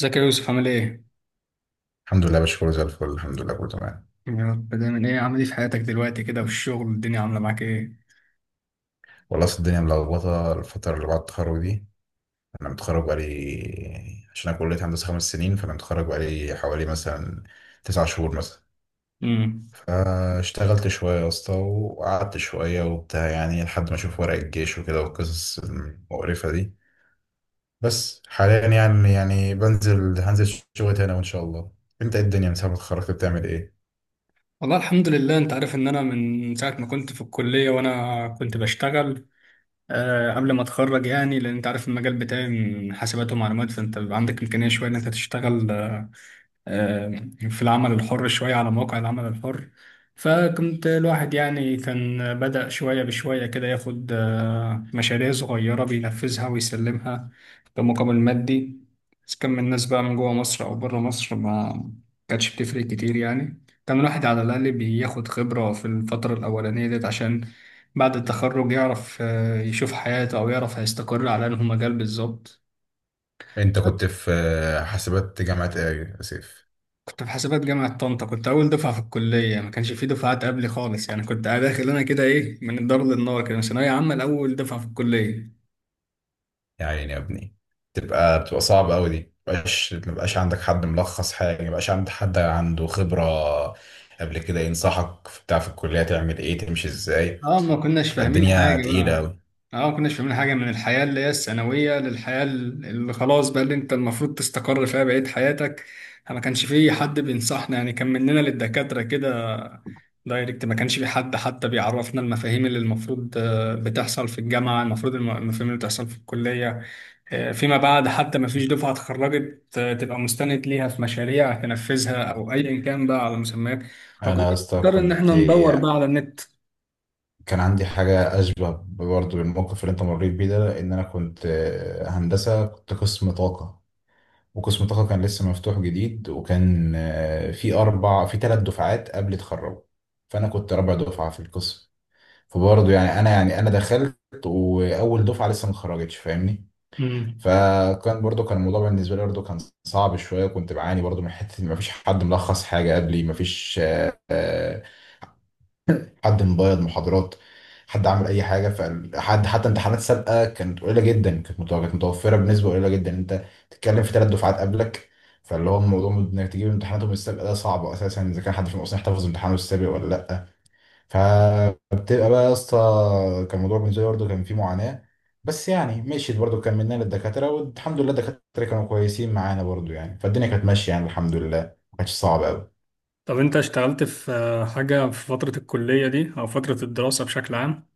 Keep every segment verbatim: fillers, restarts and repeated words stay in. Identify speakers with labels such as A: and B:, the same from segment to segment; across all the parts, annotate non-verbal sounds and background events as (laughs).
A: ازيك يا يوسف عامل ايه؟
B: الحمد لله يا باشا، كله زي الفل، الحمد لله كله تمام.
A: يا رب دايما. ايه عامل ايه في حياتك دلوقتي كده وفي الشغل الدنيا عامله معاك ايه؟
B: والله أصل الدنيا ملخبطه الفتره اللي بعد التخرج دي. انا متخرج بقالي، عشان انا كليه هندسه خمس سنين، فانا متخرج بقالي حوالي مثلا تسع شهور مثلا.
A: امم
B: فاشتغلت شويه يا اسطى، وقعدت شويه وبتاع، يعني لحد ما اشوف ورق الجيش وكده والقصص المقرفه دي. بس حاليا يعني يعني بنزل هنزل شغل تاني وان شاء الله. انت إيه الدنيا من ساعه ما اتخرجت بتعمل ايه؟
A: والله الحمد لله، انت عارف ان انا من ساعه ما كنت في الكليه وانا كنت بشتغل، آه قبل ما اتخرج. يعني لان انت عارف المجال بتاعي من حاسبات ومعلومات، فانت بيبقى عندك امكانيه شويه ان انت تشتغل، آه، آه، في العمل الحر، شوية على مواقع العمل الحر. فكنت الواحد يعني كان بدأ شوية بشوية كده ياخد آه، مشاريع صغيرة بينفذها ويسلمها بمقابل مادي، إذا كان من الناس بقى من جوه مصر أو بره مصر ما كانتش بتفرق كتير. يعني كان الواحد على الأقل بياخد خبرة في الفترة الأولانية ديت، عشان بعد التخرج يعرف آه، يشوف حياته، أو يعرف هيستقر على أنه مجال بالظبط.
B: انت كنت في آه، حاسبات جامعه ايه يا سيف؟
A: كنت في حسابات جامعة طنطا، كنت أول دفعة في الكلية، ما كانش في دفعات قبلي خالص. يعني كنت داخل أنا كده إيه، من الدار للنار كده، من ثانوية عامة لأول دفعة في الكلية.
B: يا عيني يا ابني، تبقى بتبقى صعبة أوي دي، مبقاش مبقاش عندك حد ملخص حاجة، مبقاش عندك حد عنده خبرة قبل كده ينصحك في بتاع في الكلية تعمل إيه تمشي إزاي.
A: اه ما كناش
B: تبقى
A: فاهمين
B: الدنيا
A: حاجة
B: تقيلة
A: بقى.
B: أوي.
A: اه ما كناش فاهمين حاجة من الحياة اللي هي الثانوية للحياة اللي خلاص بقى اللي انت المفروض تستقر فيها بقية حياتك. ما كانش في حد بينصحنا، يعني كان مننا للدكاترة كده دايركت، ما كانش في حد حتى بيعرفنا المفاهيم اللي المفروض آه، بتحصل في الجامعة، المفروض الم- المفاهيم اللي بتحصل في الكلية، آه، فيما بعد حتى ما فيش دفعة اتخرجت آه، تبقى مستند ليها في مشاريع تنفذها أو أيا كان بقى على مسميات. فكنت
B: أنا يا اسطى
A: بنضطر إن
B: كنت
A: احنا ندور بقى على النت.
B: كان عندي حاجة أشبه برضه بالموقف اللي أنت مريت بيه ده، إن أنا كنت هندسة، كنت قسم طاقة. وقسم طاقة كان لسه مفتوح جديد، وكان آه، في أربع في ثلاث دفعات قبل تخرجوا. فأنا كنت رابع دفعة في القسم. فبرضه يعني انا يعني انا دخلت، واول دفعه لسه ما اتخرجتش، فاهمني.
A: مم.
B: فكان برضه كان الموضوع بالنسبه لي برضه كان صعب شويه. كنت بعاني برضه من حته ان مفيش حد ملخص حاجه قبلي، مفيش آه، آه، حد مبيض محاضرات، حد عامل اي حاجه، فحد حتى امتحانات سابقه كانت قليله جدا، كانت متو- كانت متوفره بنسبه قليله جدا. انت بتتكلم في ثلاث دفعات قبلك. فاللي هو الموضوع انك تجيب امتحاناتهم السابقه ده صعب اساسا، اذا كان حد فيهم اصلا يحتفظ بامتحانه السابق ولا لا. فبتبقى بقى يا اسطى، كان الموضوع بالنسبه لي برضه كان فيه معاناه. بس يعني مشيت برضه، كملنا للدكاتره، والحمد لله الدكاتره كانوا كويسين معانا برضه يعني، فالدنيا كانت ماشيه يعني، الحمد لله ما كانتش صعبه قوي.
A: طب انت اشتغلت في آه، حاجة في فترة الكلية دي او فترة الدراسة بشكل عام؟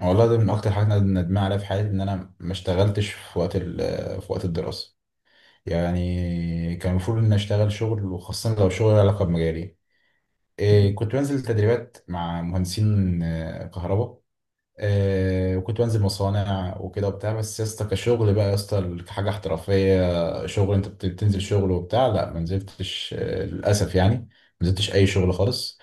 B: والله ده من اكتر حاجات انا ندمان عليها في حياتي، ان انا ما اشتغلتش في وقت ال- في وقت الدراسه. يعني كان المفروض ان اشتغل شغل، وخاصه لو شغل له علاقه بمجالي. إيه، كنت بنزل تدريبات مع مهندسين آه، كهرباء، آه، وكنت بنزل مصانع وكده وبتاع، بس يا اسطى كشغل بقى يا اسطى، كحاجه احترافيه شغل انت بت- بتنزل شغل وبتاع، لا ما نزلتش، آه، للاسف، يعني ما نزلتش اي شغل خالص.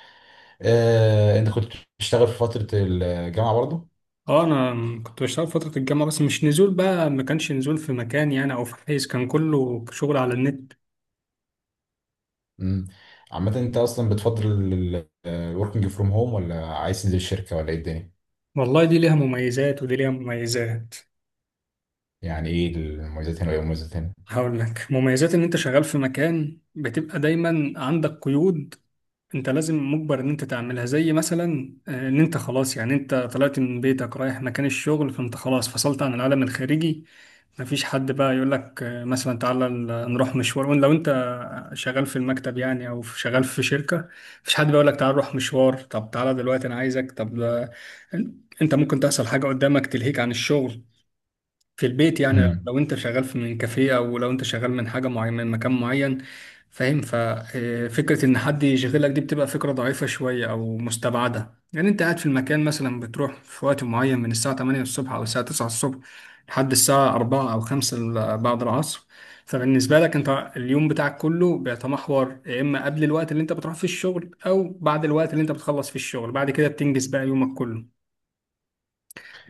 B: آه، انت كنت بتشتغل في فتره الجامعه برضه؟
A: اه انا م- كنت بشتغل في فترة الجامعة، بس مش نزول بقى، ما كانش نزول في مكان يعني او في حيز، كان كله شغل على النت.
B: مم. عامه انت اصلا بتفضل الوركينج فروم هوم، ولا عايز تنزل الشركه، ولا ايه الدنيا؟
A: والله دي ليها مميزات ودي ليها مميزات.
B: يعني ايه المميزات هنا وايه المميزات هنا؟
A: هقول لك، مميزات ان انت شغال في مكان، بتبقى دايما عندك قيود، انت لازم مجبر ان انت تعملها، زي مثلا آه، ان انت خلاص يعني انت طلعت من بيتك رايح مكان الشغل فانت خلاص فصلت عن العالم الخارجي، مفيش حد بقى يقول لك آه، مثلا تعالى ال- نروح مشوار. وان لو انت شغال في المكتب يعني او في- شغال في شركة، مفيش حد بيقول لك تعالى نروح مشوار، طب تعالى دلوقتي انا عايزك، طب ده انت ممكن تحصل حاجة قدامك تلهيك عن الشغل في البيت. يعني
B: مم.
A: لو انت شغال في من كافيه او لو انت شغال من حاجه معينه من مكان معين، فاهم؟ ففكره ان حد يشغلك دي بتبقى فكره ضعيفه شويه او مستبعده. يعني انت قاعد في المكان، مثلا بتروح في وقت معين من الساعه تمانية الصبح او الساعه تسعة الصبح لحد الساعه أربعة او خمسة ال- بعد العصر، فبالنسبه لك انت اليوم بتاعك كله بيتمحور يا اما قبل الوقت اللي انت بتروح فيه الشغل او بعد الوقت اللي انت بتخلص فيه الشغل، بعد كده بتنجز بقى يومك كله.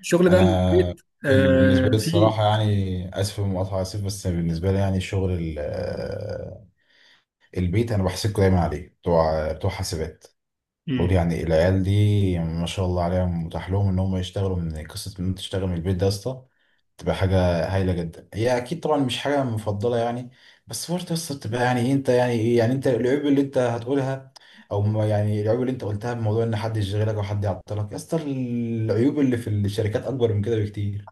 A: الشغل بقى من
B: انا
A: البيت
B: ال-
A: آه
B: بالنسبه لي
A: في.
B: الصراحه، يعني اسف في المقاطعه، اسف، بس بالنسبه لي يعني الشغل البيت انا بحسدكوا دايما عليه، بتوع بتوع حاسبات. بقول
A: مم.
B: يعني العيال دي ما شاء الله عليهم متاح لهم ان هم يشتغلوا، من قصه ان انت تشتغل من البيت ده يا اسطى، تبقى حاجه هايله جدا، هي اكيد طبعا مش حاجه مفضله يعني. بس برضه يا اسطى بتبقى يعني إيه، انت يعني ايه، يعني انت العيوب اللي انت هتقولها، او ما يعني العيوب اللي انت قلتها بموضوع ان حد يشغلك او حد يعطلك، يا اسطى العيوب اللي في الشركات اكبر من كده بكتير.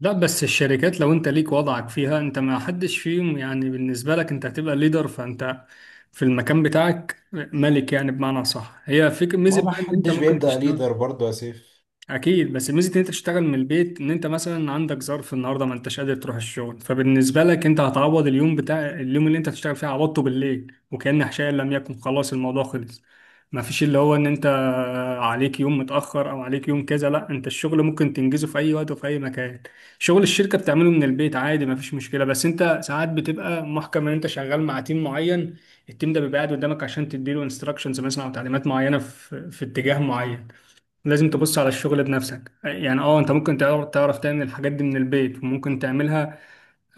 A: لا بس الشركات لو انت ليك وضعك فيها، انت ما حدش فيهم يعني، بالنسبة لك انت هتبقى ليدر، فانت في المكان بتاعك ملك يعني، بمعنى صح هي فكرة
B: ما
A: ميزة
B: هو ما
A: بقى ان انت
B: حدش
A: ممكن
B: بيبدا
A: تشتغل.
B: ليدر برضه يا سيف.
A: اكيد، بس ميزه ان انت تشتغل من البيت ان انت مثلا عندك ظرف النهارده ما انتش قادر تروح الشغل، فبالنسبه لك انت هتعوض اليوم بتاع اليوم اللي انت هتشتغل فيه، عوضته بالليل وكأن حشاء لم يكن، خلاص الموضوع خلص. ما فيش اللي هو ان انت عليك يوم متاخر او عليك يوم كذا، لا انت الشغل ممكن تنجزه في اي وقت وفي اي مكان. شغل الشركه بتعمله من البيت عادي ما فيش مشكله، بس انت ساعات بتبقى محكم ان انت شغال مع تيم معين، التيم ده بيبقى قاعد قدامك عشان تديله انستراكشنز مثلا او تعليمات معينه في في اتجاه معين، لازم تبص على الشغل بنفسك. يعني اه انت ممكن تعرف تعرف تعمل الحاجات دي من البيت وممكن تعملها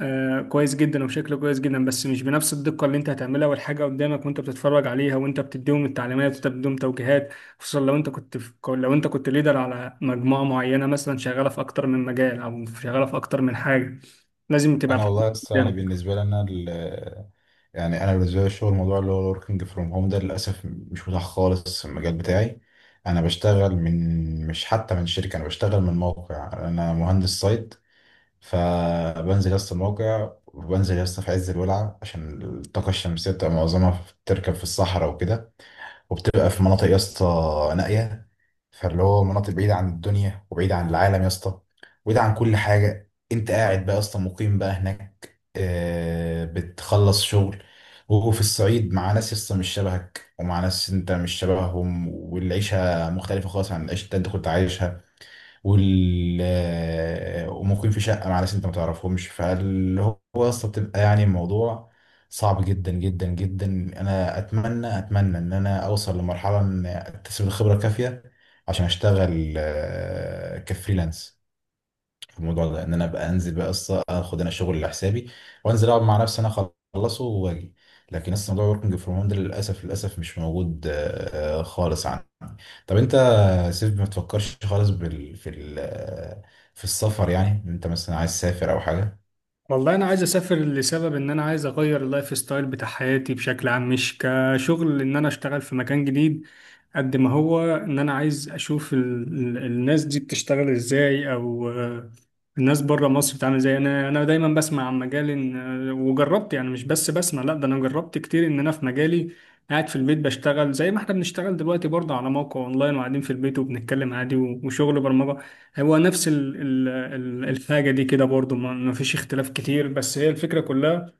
A: آه كويس جدا وبشكل كويس جدا، بس مش بنفس الدقة اللي انت هتعملها والحاجة قدامك وانت بتتفرج عليها وانت بتديهم التعليمات وانت بتديهم توجيهات، خصوصا لو انت كنت في، لو انت كنت ليدر على مجموعة معينة مثلا شغالة في اكتر من مجال او شغالة في اكتر من حاجة، لازم تبقى
B: انا
A: الحاجة
B: والله بس يعني
A: قدامك.
B: بالنسبه لي انا، ال- يعني انا بالنسبه لي الشغل، الموضوع اللي هو الوركينج فروم هوم ده للاسف مش متاح خالص في المجال بتاعي. انا بشتغل من، مش حتى من شركه، انا بشتغل من موقع، انا مهندس سايت. فبنزل يسطا الموقع، وبنزل يسطا في عز الولعه، عشان الطاقه الشمسيه بتبقى معظمها في- بتركب في الصحراء وكده. وبتبقى في مناطق يا اسطى نائيه، فاللي هو مناطق بعيده عن الدنيا وبعيده عن العالم يا اسطى، وبعيده عن كل حاجه. انت قاعد بقى يا اسطى مقيم بقى هناك، آه، بتخلص شغل وفي الصعيد، مع ناس يا اسطى مش شبهك، ومع ناس انت مش شبههم، والعيشه مختلفه خالص عن العيشه اللي انت كنت عايشها، وال آه، وممكن في شقة مع ناس انت ما تعرفهمش، فاللي هو اصلا بتبقى يعني الموضوع صعب جدا جدا جدا. انا اتمنى اتمنى ان انا اوصل لمرحلة ان اكتسب الخبرة الكافية عشان اشتغل آه، كفريلانس في الموضوع ده، ان انا ابقى انزل بقى اصلا اخد انا شغل لحسابي، وانزل اقعد مع نفسي انا اخلصه واجي. لكن لسه موضوع وركينج فروم هوم ده للاسف للاسف مش موجود آه، آه، خالص عندي. طب انت يا سيف ما تفكرش خالص بال... في ال... آه، في السفر؟ يعني انت مثلا عايز تسافر او حاجه؟
A: والله انا عايز اسافر لسبب ان انا عايز اغير اللايف ستايل بتاع حياتي بشكل عام، مش كشغل ان انا اشتغل في مكان جديد، قد ما هو ان انا عايز اشوف ال ال الناس دي بتشتغل ازاي، او آه، الناس بره مصر بتعمل ازاي. انا انا دايما بسمع عن مجال إن آه، وجربت، يعني مش بس بسمع لا ده انا جربت كتير ان انا في مجالي قاعد في البيت بشتغل زي ما احنا بنشتغل دلوقتي برضه على موقع اونلاين وقاعدين في البيت وبنتكلم عادي و- وشغل برمجة، هو نفس ال ال ال- الحاجة دي كده برضو، ما ما فيش اختلاف كتير. بس هي الفكرة كلها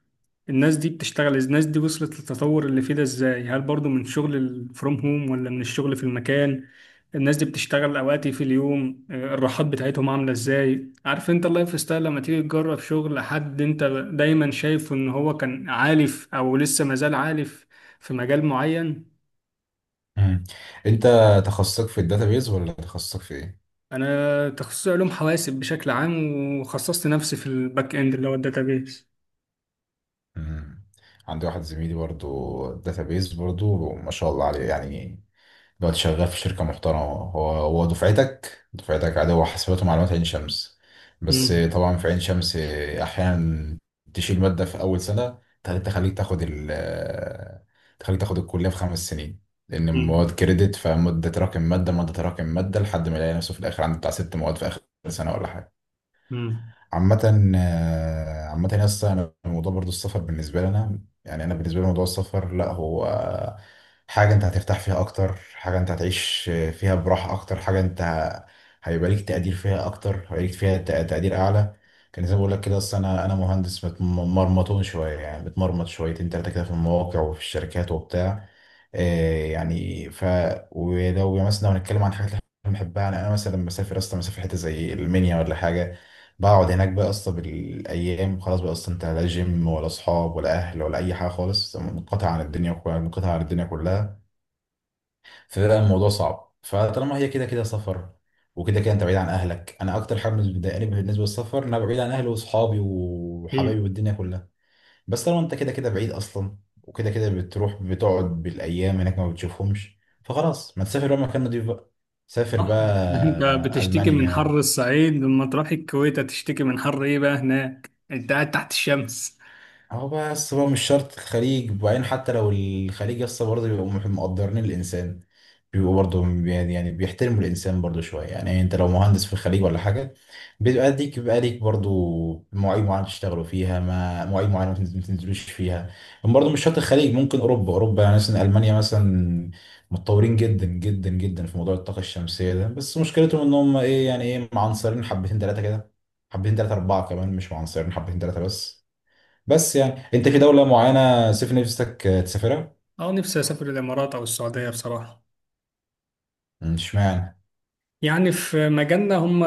A: الناس دي بتشتغل، الناس دي وصلت للتطور اللي فيه ده ازاي، هل برضو من شغل فروم هوم ولا من الشغل في المكان؟ الناس دي بتشتغل اوقات إيه في اليوم؟ آه، الراحات بتاعتهم عاملة ازاي؟ عارف انت اللايف ستايل لما تيجي تجرب شغل حد انت دايما شايفه ان هو كان عالف او لسه مازال عالف في مجال معين.
B: مم. انت تخصصك في الداتابيز ولا تخصصك في ايه؟
A: انا تخصصي علوم حواسب بشكل عام، وخصصت نفسي في الباك اند اللي هو الداتابيس.
B: مم. عندي واحد زميلي برضو داتابيز، برضو ما شاء الله عليه يعني، دلوقتي شغال في شركة محترمة. هو هو دفعتك دفعتك عادي، هو حاسبات ومعلومات عين شمس. بس
A: مم.
B: طبعا في عين شمس أحيانا تشيل مادة في أول سنة، تخليك تخليك تاخد ال تخليك تاخد الكلية في خمس سنين. لأن
A: مم.
B: المواد كريدت، فمدة تراكم مادة، مادة تراكم مادة، لحد ما يلاقي نفسه في الآخر عنده بتاع ست مواد في آخر سنة ولا حاجة.
A: مم.
B: عامة آه، عامة يا اسطى انا الموضوع برضو السفر بالنسبة لي انا، يعني انا بالنسبة لي موضوع السفر، لا هو آه، حاجة انت هترتاح فيها اكتر، حاجة انت هتعيش فيها براحة اكتر، حاجة انت ه- هيبقى ليك تقدير فيها اكتر، هيبقى ليك فيها تق- تقدير اعلى. كان زي ما بقول لك كده، اصل انا انا مهندس مت- مرمطون شوية يعني، بتمرمط شويتين تلاتة كده في المواقع وفي الشركات وبتاع. آه، يعني ف ولو مثلا لو هنتكلم عن حاجات اللي احنا بنحبها، يعني انا مثلا لما اسافر اصلا، مسافر حته زي المنيا ولا حاجه، بقعد هناك بقى اصلا بالايام، خلاص بقى اصلا انت لا جيم ولا اصحاب ولا اهل ولا اي حاجه خالص، منقطع عن الدنيا كلها، منقطع عن الدنيا كلها. فبقى الموضوع صعب، فطالما هي كده كده سفر، وكده كده انت بعيد عن اهلك، انا اكتر حاجه بتضايقني بالنسبه للسفر ان انا بعيد عن اهلي واصحابي
A: ايه،
B: وحبايبي والدنيا كلها. بس طالما انت كده كده بعيد اصلا، وكده كده بتروح بتقعد بالايام هناك ما بتشوفهمش، فخلاص ما تسافر بقى مكان نضيف بقى، سافر
A: صح. (laughs) انت
B: بقى
A: بتشتكي من
B: المانيا.
A: حر الصعيد، لما تروح الكويت هتشتكي من حر ايه بقى، هناك انت قاعد تحت الشمس.
B: هو بقى بس بقى مش شرط الخليج، وبعدين حتى لو الخليج يسطا برضه بيبقوا مح- مقدرين الإنسان، بيبقوا برضه بي- يعني يعني بيحترموا الإنسان برضه شوية يعني، أنت لو مهندس في الخليج ولا حاجة بيبقى ليك بيبقى ليك برضه مواعيد معينة تشتغلوا فيها، ما مواعيد معينة ما تنز- ما تنزلوش فيها. برضه مش شرط الخليج، ممكن أوروبا أوروبا يعني مثلا ألمانيا مثلا متطورين جدا جدا جدا في موضوع الطاقة الشمسية ده، بس مشكلتهم إن هم إيه يعني، إيه معنصرين حبتين تلاتة كده، حبتين تلاتة أربعة كمان، مش معنصرين حبتين تلاتة بس. بس يعني انت في دولة معينة سيف نفسك آه، تسافرها؟
A: اه نفسي اسافر الامارات او السعوديه بصراحه.
B: مم، اشمعنى؟
A: يعني في مجالنا هم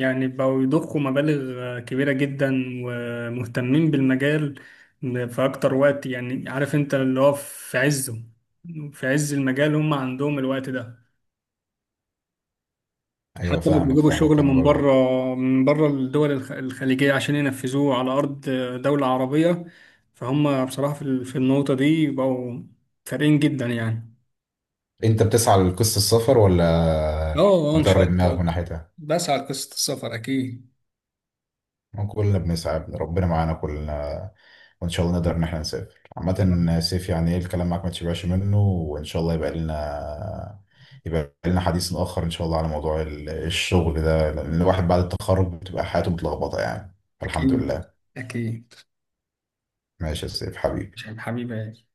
A: يعني بقوا يضخوا مبالغ كبيره جدا ومهتمين بالمجال في اكتر وقت. يعني عارف انت اللي هو في عزه، في عز المجال، هم عندهم الوقت ده.
B: ايوه
A: حتى لو
B: فاهمك
A: بيجيبوا
B: فاهمك
A: شغل
B: انا
A: من بره،
B: برضه.
A: من بره الدول الخ- الخليجية عشان ينفذوه على أرض دولة عربية، فهم بصراحة في ال- في النقطة دي بقوا فارقين جدا يعني.
B: انت بتسعى لقصة السفر
A: اه.
B: ولا
A: آه، إن شاء
B: مطر دماغك
A: الله،
B: من ناحيتها؟
A: بسعى لقصة السفر أكيد.
B: ما كلنا بنسعى، ربنا معانا كلنا، وان شاء الله نقدر ان احنا نسافر.
A: يا رب.
B: عامة سيف يعني ايه، الكلام معاك ما تشبعش منه، وان شاء الله يبقى لنا يبقى لنا حديث اخر ان شاء الله على موضوع ال- الشغل ده، لان الواحد بعد التخرج بتبقى حياته متلخبطة يعني، فالحمد
A: أكيد.
B: لله.
A: أكيد.
B: ماشي يا سيف
A: مش
B: حبيبي.
A: حبيبي